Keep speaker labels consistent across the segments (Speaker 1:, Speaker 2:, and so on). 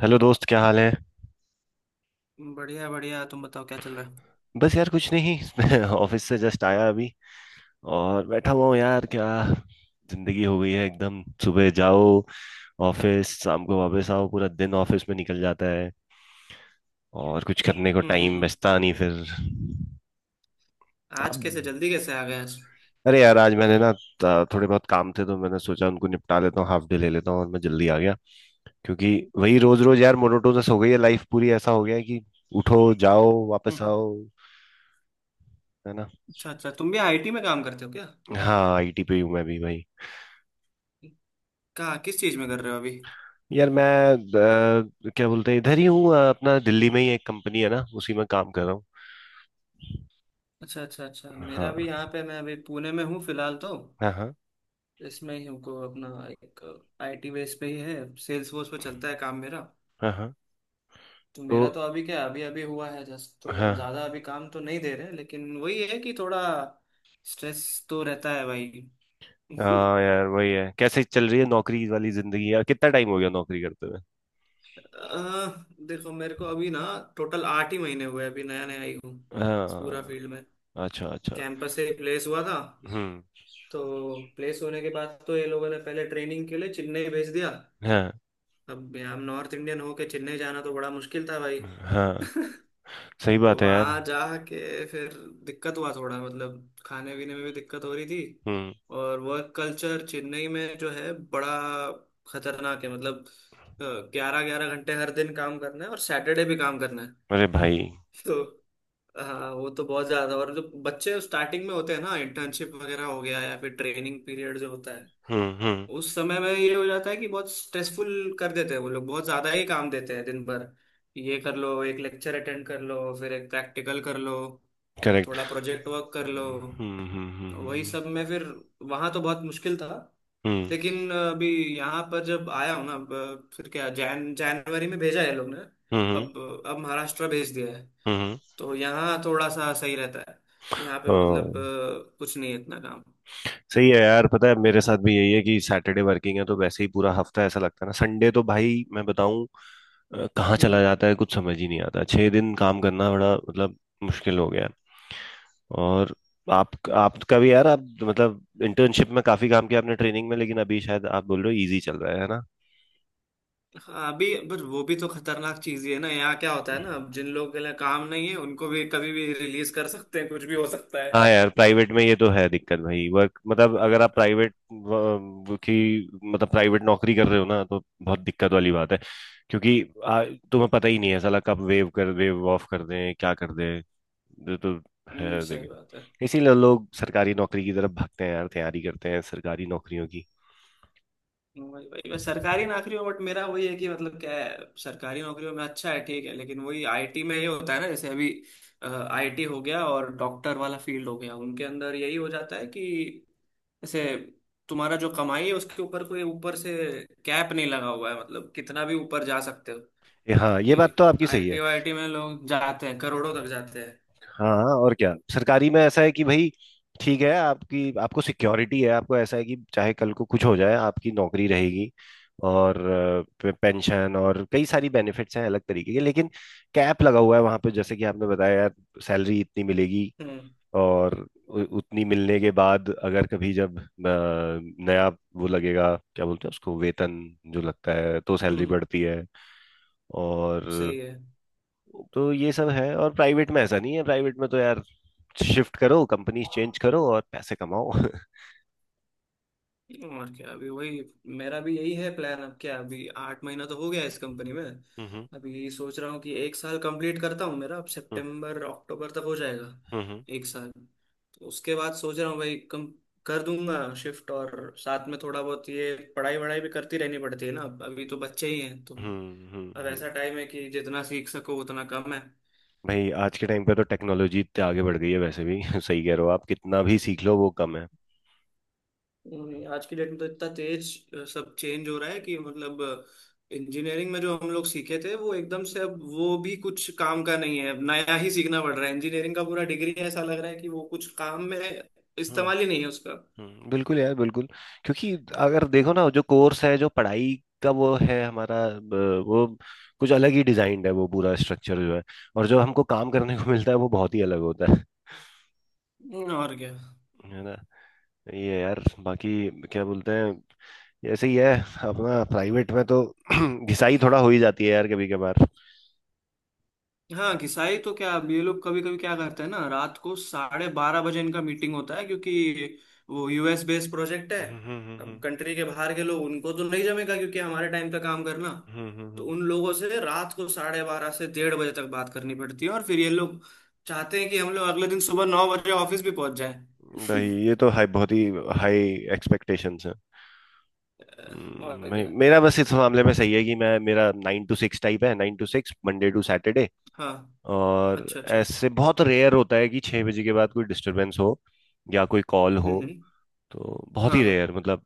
Speaker 1: Hello दोस्त, क्या हाल है।
Speaker 2: बढ़िया बढ़िया, तुम बताओ क्या चल रहा है।
Speaker 1: बस यार कुछ नहीं। मैं ऑफिस से जस्ट आया अभी और बैठा हुआ हूँ यार। क्या जिंदगी हो गई है एकदम। सुबह जाओ ऑफिस, शाम को वापस आओ। पूरा दिन ऑफिस में निकल जाता है और कुछ करने को टाइम
Speaker 2: हम्म।
Speaker 1: बचता नहीं फिर।
Speaker 2: आज
Speaker 1: अब
Speaker 2: कैसे जल्दी कैसे आ गए आज।
Speaker 1: अरे यार, आज मैंने ना थोड़े बहुत काम थे तो मैंने सोचा उनको निपटा लेता हूँ, हाफ डे ले लेता हूँ, और मैं जल्दी आ गया, क्योंकि वही रोज रोज यार मोनोटोनस हो गई है लाइफ पूरी। ऐसा हो गया है कि उठो, जाओ, वापस
Speaker 2: हम्म।
Speaker 1: आओ। है ना।
Speaker 2: अच्छा अच्छा, तुम भी आईटी में काम करते हो क्या?
Speaker 1: हाँ, आईटी पे हूँ मैं भी भाई।
Speaker 2: कहाँ, किस चीज़ में कर रहे हो अभी?
Speaker 1: यार मैं क्या बोलते हैं, इधर ही हूँ। अपना दिल्ली में ही एक कंपनी है ना, उसी में काम कर रहा हूँ।
Speaker 2: अच्छा अच्छा अच्छा, मेरा
Speaker 1: हाँ
Speaker 2: भी यहाँ पे, मैं अभी पुणे में हूँ फिलहाल तो।
Speaker 1: हाँ। हाँ।
Speaker 2: इसमें ही हूँ, को अपना एक आईटी बेस पे ही है, सेल्स फोर्स पे चलता है काम मेरा।
Speaker 1: हाँ। हाँ।
Speaker 2: तो
Speaker 1: तो
Speaker 2: मेरा तो अभी क्या, अभी अभी हुआ है जस्ट, तो
Speaker 1: हाँ।
Speaker 2: ज़्यादा अभी काम तो नहीं दे रहे, लेकिन वही है कि थोड़ा स्ट्रेस तो रहता है भाई।
Speaker 1: हाँ यार वही है, कैसे चल रही है नौकरी वाली जिंदगी यार। कितना टाइम हो गया नौकरी करते हुए।
Speaker 2: अह, देखो मेरे को अभी ना, टोटल 8 ही महीने हुए, अभी नया नया आई हूँ इस पूरा
Speaker 1: हाँ।
Speaker 2: फील्ड में।
Speaker 1: अच्छा अच्छा।
Speaker 2: कैंपस से प्लेस हुआ था,
Speaker 1: हम्म।
Speaker 2: तो प्लेस होने के बाद तो ये लोगों ने पहले ट्रेनिंग के लिए चेन्नई भेज दिया।
Speaker 1: हाँ
Speaker 2: अब हम नॉर्थ इंडियन होके चेन्नई जाना तो बड़ा मुश्किल था भाई।
Speaker 1: हाँ सही
Speaker 2: तो
Speaker 1: बात है यार।
Speaker 2: वहाँ जाके फिर दिक्कत हुआ थोड़ा, मतलब खाने पीने में भी दिक्कत हो रही थी।
Speaker 1: हम्म।
Speaker 2: और वर्क कल्चर चेन्नई में जो है, बड़ा खतरनाक है मतलब। 11 11 घंटे हर दिन काम करना है, और सैटरडे भी काम करना है
Speaker 1: अरे भाई।
Speaker 2: तो। हाँ वो तो बहुत ज्यादा, और जो बच्चे स्टार्टिंग में होते हैं ना, इंटर्नशिप वगैरह हो गया या फिर ट्रेनिंग पीरियड जो होता है,
Speaker 1: हम्म।
Speaker 2: उस समय में ये हो जाता है कि बहुत स्ट्रेसफुल कर देते हैं, वो लोग बहुत ज्यादा ही काम देते हैं दिन भर। ये कर लो, एक लेक्चर अटेंड कर लो, फिर एक प्रैक्टिकल कर लो,
Speaker 1: करेक्ट।
Speaker 2: थोड़ा प्रोजेक्ट वर्क कर लो, तो वही
Speaker 1: हम्म।
Speaker 2: सब में फिर वहां तो बहुत मुश्किल था।
Speaker 1: हम्म।
Speaker 2: लेकिन अभी यहाँ पर जब आया हूँ ना, अब फिर क्या, जैन जनवरी में भेजा है लोग ने।
Speaker 1: हम्म।
Speaker 2: अब अब महाराष्ट्र भेज दिया है,
Speaker 1: हम्म।
Speaker 2: तो यहाँ थोड़ा सा सही रहता है। यहाँ पे मतलब
Speaker 1: हम्म,
Speaker 2: कुछ नहीं है इतना काम।
Speaker 1: सही है यार। पता है, मेरे साथ भी यही है कि सैटरडे वर्किंग है तो वैसे ही पूरा हफ्ता ऐसा लगता है ना। संडे तो भाई मैं बताऊं, कहाँ चला
Speaker 2: हम्म।
Speaker 1: जाता है कुछ समझ ही नहीं आता। छह दिन काम करना बड़ा मतलब मुश्किल हो गया है। और आप, आपका भी यार, आप मतलब इंटर्नशिप में काफी काम किया आपने, ट्रेनिंग में, लेकिन अभी शायद आप बोल रहे हो इजी चल रहा है ना।
Speaker 2: हाँ अभी, बट वो भी तो खतरनाक चीज ही है ना। यहाँ क्या होता है ना, अब जिन लोगों के लिए काम नहीं है उनको भी कभी भी रिलीज कर सकते हैं, कुछ भी हो सकता है।
Speaker 1: हाँ यार, प्राइवेट में ये तो है दिक्कत भाई। वर्क मतलब
Speaker 2: अ,
Speaker 1: अगर आप प्राइवेट की मतलब प्राइवेट नौकरी कर रहे हो ना तो बहुत दिक्कत वाली बात है, क्योंकि तुम्हें पता ही नहीं है साला कब वेव कर दे, ऑफ कर दें, क्या कर दें। ये तो है
Speaker 2: सही
Speaker 1: देखिए।
Speaker 2: बात है।
Speaker 1: इसीलिए लोग सरकारी नौकरी की तरफ भागते हैं यार, तैयारी करते हैं सरकारी नौकरियों की।
Speaker 2: वही वही बस सरकारी नौकरियों, बट मेरा वही है कि मतलब क्या है। सरकारी नौकरियों में अच्छा है, ठीक है, लेकिन वही आईटी में ये होता है ना, जैसे अभी आईटी हो गया और डॉक्टर वाला फील्ड हो गया, उनके अंदर यही हो जाता है कि जैसे तुम्हारा जो कमाई है उसके ऊपर कोई ऊपर से कैप नहीं लगा हुआ है, मतलब कितना भी ऊपर जा सकते हो।
Speaker 1: हाँ ये बात
Speaker 2: कि
Speaker 1: तो आपकी सही
Speaker 2: आईटी
Speaker 1: है।
Speaker 2: वाईटी में लोग जाते हैं करोड़ों तक जाते हैं।
Speaker 1: हाँ हाँ, और क्या। सरकारी में ऐसा है कि भाई ठीक है, आपकी आपको सिक्योरिटी है, आपको ऐसा है कि चाहे कल को कुछ हो जाए आपकी नौकरी रहेगी, और पेंशन और कई सारी बेनिफिट्स हैं अलग तरीके के। लेकिन कैप लगा हुआ है वहां पे, जैसे कि आपने बताया यार, सैलरी इतनी मिलेगी।
Speaker 2: हम्म
Speaker 1: और उतनी मिलने के बाद अगर कभी जब नया वो लगेगा, क्या बोलते हैं उसको, वेतन जो लगता है, तो सैलरी
Speaker 2: हम्म।
Speaker 1: बढ़ती है। और
Speaker 2: सही है।
Speaker 1: तो ये सब है। और प्राइवेट में ऐसा नहीं है। प्राइवेट में तो यार शिफ्ट करो, कंपनी चेंज करो और पैसे कमाओ।
Speaker 2: और क्या, अभी वही मेरा भी यही है प्लान। अब क्या, अभी 8 महीना तो हो गया इस कंपनी में।
Speaker 1: हम्म
Speaker 2: अभी सोच रहा हूँ कि एक साल कंप्लीट करता हूँ, मेरा अब
Speaker 1: हम्म
Speaker 2: सितंबर अक्टूबर तक हो जाएगा
Speaker 1: हम्म।
Speaker 2: एक साल। तो उसके बाद सोच रहा हूँ भाई, कम कर दूंगा शिफ्ट, और साथ में थोड़ा बहुत ये पढ़ाई वढ़ाई भी करती रहनी पड़ती है ना। अब अभी तो बच्चे ही हैं तो
Speaker 1: हम्म हम्म
Speaker 2: अब
Speaker 1: हम्म।
Speaker 2: ऐसा टाइम है कि जितना सीख सको उतना कम है।
Speaker 1: भाई आज के टाइम पे तो टेक्नोलॉजी इतने आगे बढ़ गई है वैसे भी। सही कह रहे हो आप, कितना भी सीख लो वो कम है।
Speaker 2: नहीं, आज की डेट में तो इतना तेज सब चेंज हो रहा है कि मतलब इंजीनियरिंग में जो हम लोग सीखे थे वो एकदम से, अब वो भी कुछ काम का नहीं है, अब नया ही सीखना पड़ रहा है। इंजीनियरिंग का पूरा डिग्री ऐसा लग रहा है कि वो कुछ काम में
Speaker 1: हम्म
Speaker 2: इस्तेमाल ही नहीं है उसका।
Speaker 1: बिल्कुल यार, बिल्कुल। क्योंकि अगर देखो ना, जो कोर्स है, जो पढ़ाई का वो है हमारा, वो कुछ अलग ही डिजाइंड है, वो पूरा स्ट्रक्चर जो है। और जो हमको काम करने को मिलता है वो बहुत ही अलग होता है
Speaker 2: और क्या।
Speaker 1: है ना। ये है यार। बाकी क्या बोलते हैं, ऐसे ही है अपना प्राइवेट में तो। घिसाई थोड़ा हो ही जाती है यार कभी कभार।
Speaker 2: हाँ घिसाई तो क्या, अब ये लोग कभी कभी क्या करते हैं ना, रात को 12:30 बजे इनका मीटिंग होता है, क्योंकि वो यूएस बेस्ड प्रोजेक्ट है। अब
Speaker 1: हम्म।
Speaker 2: कंट्री के बाहर के लोग उनको तो नहीं जमेगा क्योंकि हमारे टाइम पे काम करना।
Speaker 1: हम्म
Speaker 2: तो
Speaker 1: हम्म,
Speaker 2: उन लोगों से रात को 12:30 से 1:30 बजे तक बात करनी पड़ती है, और फिर ये लोग चाहते हैं कि हम लोग अगले दिन सुबह 9 बजे ऑफिस भी पहुंच जाए।
Speaker 1: भाई ये तो हाई, बहुत ही हाई एक्सपेक्टेशंस हैं।
Speaker 2: और
Speaker 1: भाई
Speaker 2: क्या।
Speaker 1: मेरा बस इस मामले में सही है कि मैं, मेरा 9 to 6 टाइप है, 9 to 6 Monday to Saturday।
Speaker 2: हाँ।
Speaker 1: और
Speaker 2: अच्छा अच्छा।
Speaker 1: ऐसे बहुत रेयर होता है कि 6 बजे के बाद कोई डिस्टरबेंस हो या कोई कॉल हो।
Speaker 2: हम्म।
Speaker 1: तो बहुत
Speaker 2: हाँ
Speaker 1: ही
Speaker 2: हाँ।
Speaker 1: रेयर, मतलब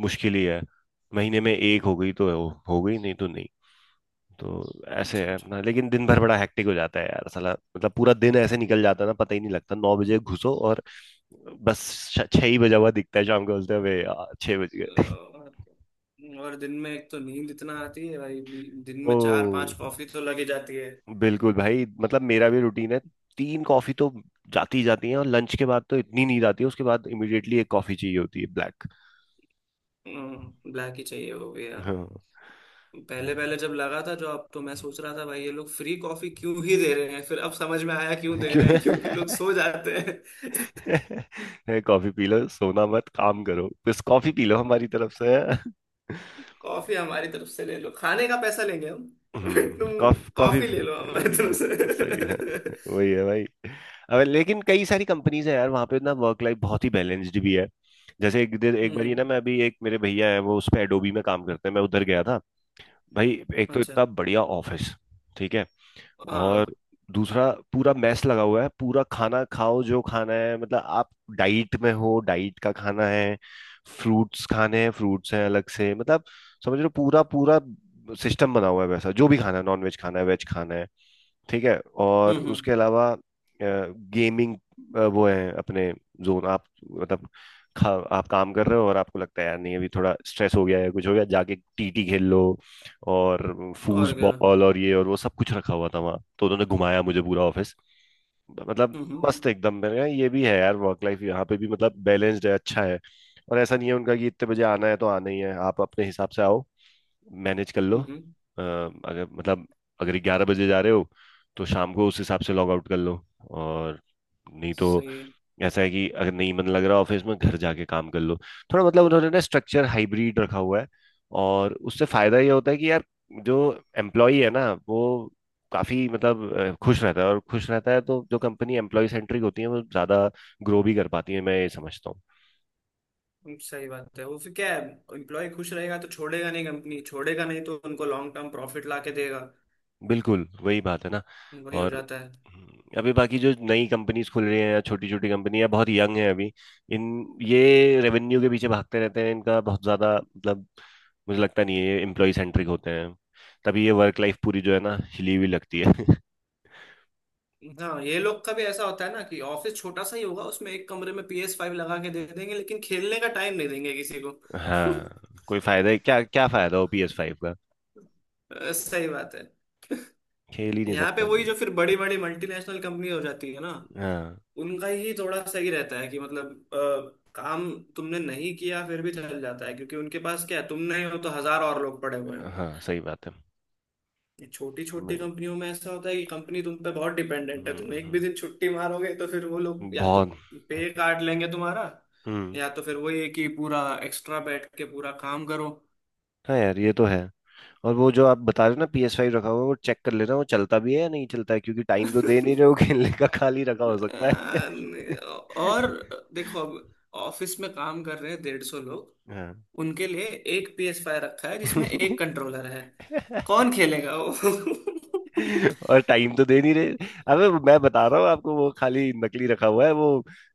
Speaker 1: मुश्किल ही है। महीने में एक हो गई तो हो गई, नहीं तो नहीं। तो ऐसे
Speaker 2: अच्छा
Speaker 1: है
Speaker 2: अच्छा।
Speaker 1: अपना। लेकिन दिन भर बड़ा हेक्टिक हो जाता है यार साला। मतलब पूरा दिन ऐसे निकल जाता है ना, पता ही नहीं लगता। 9 बजे घुसो और बस 6 ही बजा हुआ दिखता है शाम को, बोलते हैं "अबे यार 6 बज गए।"
Speaker 2: और दिन में एक तो नींद इतना आती है भाई, दिन में चार पांच
Speaker 1: ओ,
Speaker 2: कॉफी तो लगी जाती है।
Speaker 1: बिल्कुल भाई, मतलब मेरा भी रूटीन है। 3 कॉफी तो जाती ही जाती है। और लंच के बाद तो इतनी नींद आती है, उसके बाद इमिडिएटली 1 कॉफी चाहिए होती है ब्लैक।
Speaker 2: ब्लैक ही चाहिए वो भी यार।
Speaker 1: हाँ।
Speaker 2: पहले पहले जब लगा था जो, अब तो मैं सोच रहा था भाई ये लोग फ्री कॉफी क्यों ही दे रहे हैं, फिर अब समझ में आया क्यों दे
Speaker 1: क्यों।
Speaker 2: रहे हैं, क्योंकि लोग सो जाते हैं।
Speaker 1: कॉफी पी लो, सोना मत, काम करो, बस कॉफी पी लो हमारी तरफ से।
Speaker 2: कॉफी हमारी तरफ से ले लो, खाने का पैसा लेंगे हम। बट
Speaker 1: हम्म,
Speaker 2: तुम
Speaker 1: कॉफी।
Speaker 2: कॉफी ले लो हमारी तरफ
Speaker 1: सही है।
Speaker 2: से।
Speaker 1: वही है भाई। अब लेकिन कई सारी कंपनीज है यार वहाँ पे ना, वर्क लाइफ बहुत ही बैलेंस्ड भी है। जैसे एक दिन, एक बार ये
Speaker 2: हम्म।
Speaker 1: ना, मैं अभी, एक मेरे भैया है, वो उस पे एडोबी में काम करते हैं, मैं उधर गया था। भाई एक तो
Speaker 2: अच्छा।
Speaker 1: इतना बढ़िया ऑफिस, ठीक है, और
Speaker 2: हाँ।
Speaker 1: दूसरा पूरा मैस लगा हुआ है, पूरा खाना खाओ जो खाना है, मतलब आप डाइट में हो, डाइट का खाना है, फ्रूट्स खाने हैं, फ्रूट्स हैं अलग से। मतलब समझ लो पूरा पूरा सिस्टम बना हुआ है वैसा, जो भी खाना है, नॉन वेज खाना है, वेज खाना है, ठीक है। और
Speaker 2: हम्म।
Speaker 1: उसके अलावा गेमिंग वो है अपने जोन आप, मतलब आप काम कर रहे हो और आपको लगता है यार नहीं, अभी थोड़ा स्ट्रेस हो गया है, कुछ हो गया, जाके TT खेल लो। और फूज
Speaker 2: और क्या।
Speaker 1: बॉल और ये और वो सब कुछ रखा हुआ था वहाँ, तो उन्होंने घुमाया मुझे पूरा ऑफिस। मतलब
Speaker 2: हम्म
Speaker 1: मस्त एकदम, मैंने कहा ये भी है यार, वर्क लाइफ यहाँ पे भी मतलब बैलेंस्ड है, अच्छा है। और ऐसा नहीं है उनका कि इतने बजे आना है तो आना ही है, आप अपने हिसाब से आओ, मैनेज कर लो।
Speaker 2: हम्म हम्म,
Speaker 1: अगर मतलब अगर 11 बजे जा रहे हो तो शाम को उस हिसाब से लॉग आउट कर लो। और नहीं तो
Speaker 2: सही है।
Speaker 1: ऐसा है कि अगर नहीं मन लग रहा ऑफिस में, घर जाके काम कर लो। थोड़ा मतलब उन्होंने ना स्ट्रक्चर हाइब्रिड रखा हुआ है। और उससे फायदा ये होता है कि यार जो एम्प्लॉई है ना वो काफी मतलब खुश रहता है। और खुश रहता है तो जो कंपनी एम्प्लॉय सेंट्रिक होती है वो ज्यादा ग्रो भी कर पाती है, मैं ये समझता।
Speaker 2: सही बात है, वो फिर क्या है, एम्प्लॉय खुश रहेगा तो छोड़ेगा नहीं कंपनी, छोड़ेगा नहीं तो उनको लॉन्ग टर्म प्रॉफिट ला के देगा।
Speaker 1: बिल्कुल वही बात है ना।
Speaker 2: वही हो
Speaker 1: और
Speaker 2: जाता है।
Speaker 1: अभी बाकी जो नई कंपनीज खुल रही हैं या छोटी छोटी कंपनी है बहुत यंग है अभी, इन, ये रेवेन्यू के पीछे भागते रहते हैं, इनका बहुत ज्यादा मतलब मुझे लगता नहीं है ये एम्प्लॉय सेंट्रिक होते हैं। तभी ये वर्क लाइफ पूरी जो है ना हिली हुई लगती है।
Speaker 2: हाँ ये लोग का भी ऐसा होता है ना कि ऑफिस छोटा सा ही होगा, उसमें एक कमरे में पी एस फाइव लगा के दे देंगे लेकिन खेलने का टाइम नहीं देंगे किसी को।
Speaker 1: हाँ, कोई फायदा है क्या, क्या फायदा हो PS5 का,
Speaker 2: सही बात है।
Speaker 1: खेल ही नहीं
Speaker 2: यहाँ पे
Speaker 1: सकता।
Speaker 2: वही, जो फिर बड़ी बड़ी मल्टीनेशनल कंपनी हो जाती है ना,
Speaker 1: हाँ
Speaker 2: उनका ही थोड़ा सही रहता है कि मतलब काम तुमने नहीं किया फिर भी चल जाता है, क्योंकि उनके पास क्या है, तुम नहीं हो तो हजार और लोग पड़े हुए हैं।
Speaker 1: हाँ सही बात है।
Speaker 2: छोटी छोटी
Speaker 1: मैं-
Speaker 2: कंपनियों में ऐसा होता है कि कंपनी तुम पे बहुत डिपेंडेंट है, तुम एक
Speaker 1: हम्म
Speaker 2: भी दिन छुट्टी मारोगे तो फिर वो लोग या तो
Speaker 1: बहुत।
Speaker 2: पे काट लेंगे तुम्हारा,
Speaker 1: हम्म।
Speaker 2: या तो फिर वही है कि पूरा एक्स्ट्रा बैठ के पूरा काम करो।
Speaker 1: हाँ यार ये तो है। और वो जो आप बता रहे हो ना PS5 रखा हुआ है, वो चेक कर लेना वो चलता भी है या नहीं चलता है, क्योंकि टाइम तो दे नहीं रहे हो खेलने का, खाली रखा हो सकता है।
Speaker 2: और देखो अब, ऑफिस में काम कर रहे हैं 150 लोग,
Speaker 1: हाँ।
Speaker 2: उनके लिए एक PS5 फाइव रखा है जिसमें एक कंट्रोलर है, कौन खेलेगा वो।
Speaker 1: और टाइम तो दे नहीं रहे। अबे मैं बता रहा हूँ आपको, वो खाली नकली रखा हुआ है वो,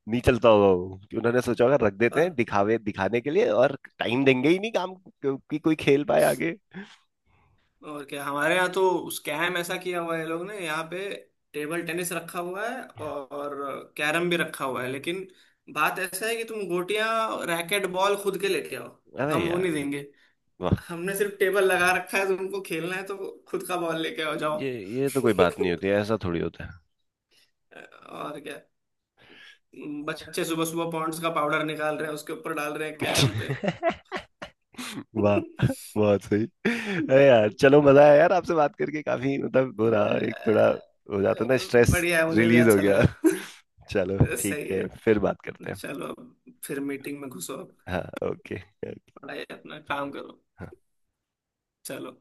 Speaker 1: नहीं चलता होगा वो, कि उन्होंने सोचा होगा रख देते हैं
Speaker 2: और
Speaker 1: दिखावे, दिखाने के लिए, और टाइम देंगे ही नहीं कि कोई खेल पाए आगे।
Speaker 2: और क्या, हमारे यहाँ तो स्कैम ऐसा किया हुआ है ये लोग ने। यहाँ पे टेबल टेनिस रखा हुआ है और कैरम भी रखा हुआ है, लेकिन बात ऐसा है कि तुम गोटियां रैकेट बॉल खुद के लेके आओ,
Speaker 1: अरे
Speaker 2: हम वो नहीं
Speaker 1: यार
Speaker 2: देंगे।
Speaker 1: वाह,
Speaker 2: हमने सिर्फ टेबल लगा रखा है, तुमको खेलना है तो खुद का बॉल लेके आओ जाओ।
Speaker 1: ये ये तो कोई बात नहीं होती, ऐसा थोड़ी होता
Speaker 2: और क्या, बच्चे सुबह सुबह पॉन्ड्स का पाउडर निकाल रहे हैं, उसके ऊपर डाल रहे हैं कैरम पे।
Speaker 1: है। वाह, बहुत सही। अरे यार चलो, मजा आया यार आपसे बात करके, काफी मतलब हो रहा एक, थोड़ा हो जाता ना स्ट्रेस,
Speaker 2: बढ़िया है, मुझे भी
Speaker 1: रिलीज हो
Speaker 2: अच्छा
Speaker 1: गया।
Speaker 2: लगा।
Speaker 1: चलो ठीक
Speaker 2: सही है।
Speaker 1: है, फिर बात करते हैं।
Speaker 2: चलो, अब फिर मीटिंग में घुसो आप,
Speaker 1: हाँ ओके।
Speaker 2: पढ़ाई अपना
Speaker 1: ओके।
Speaker 2: काम करो। चलो।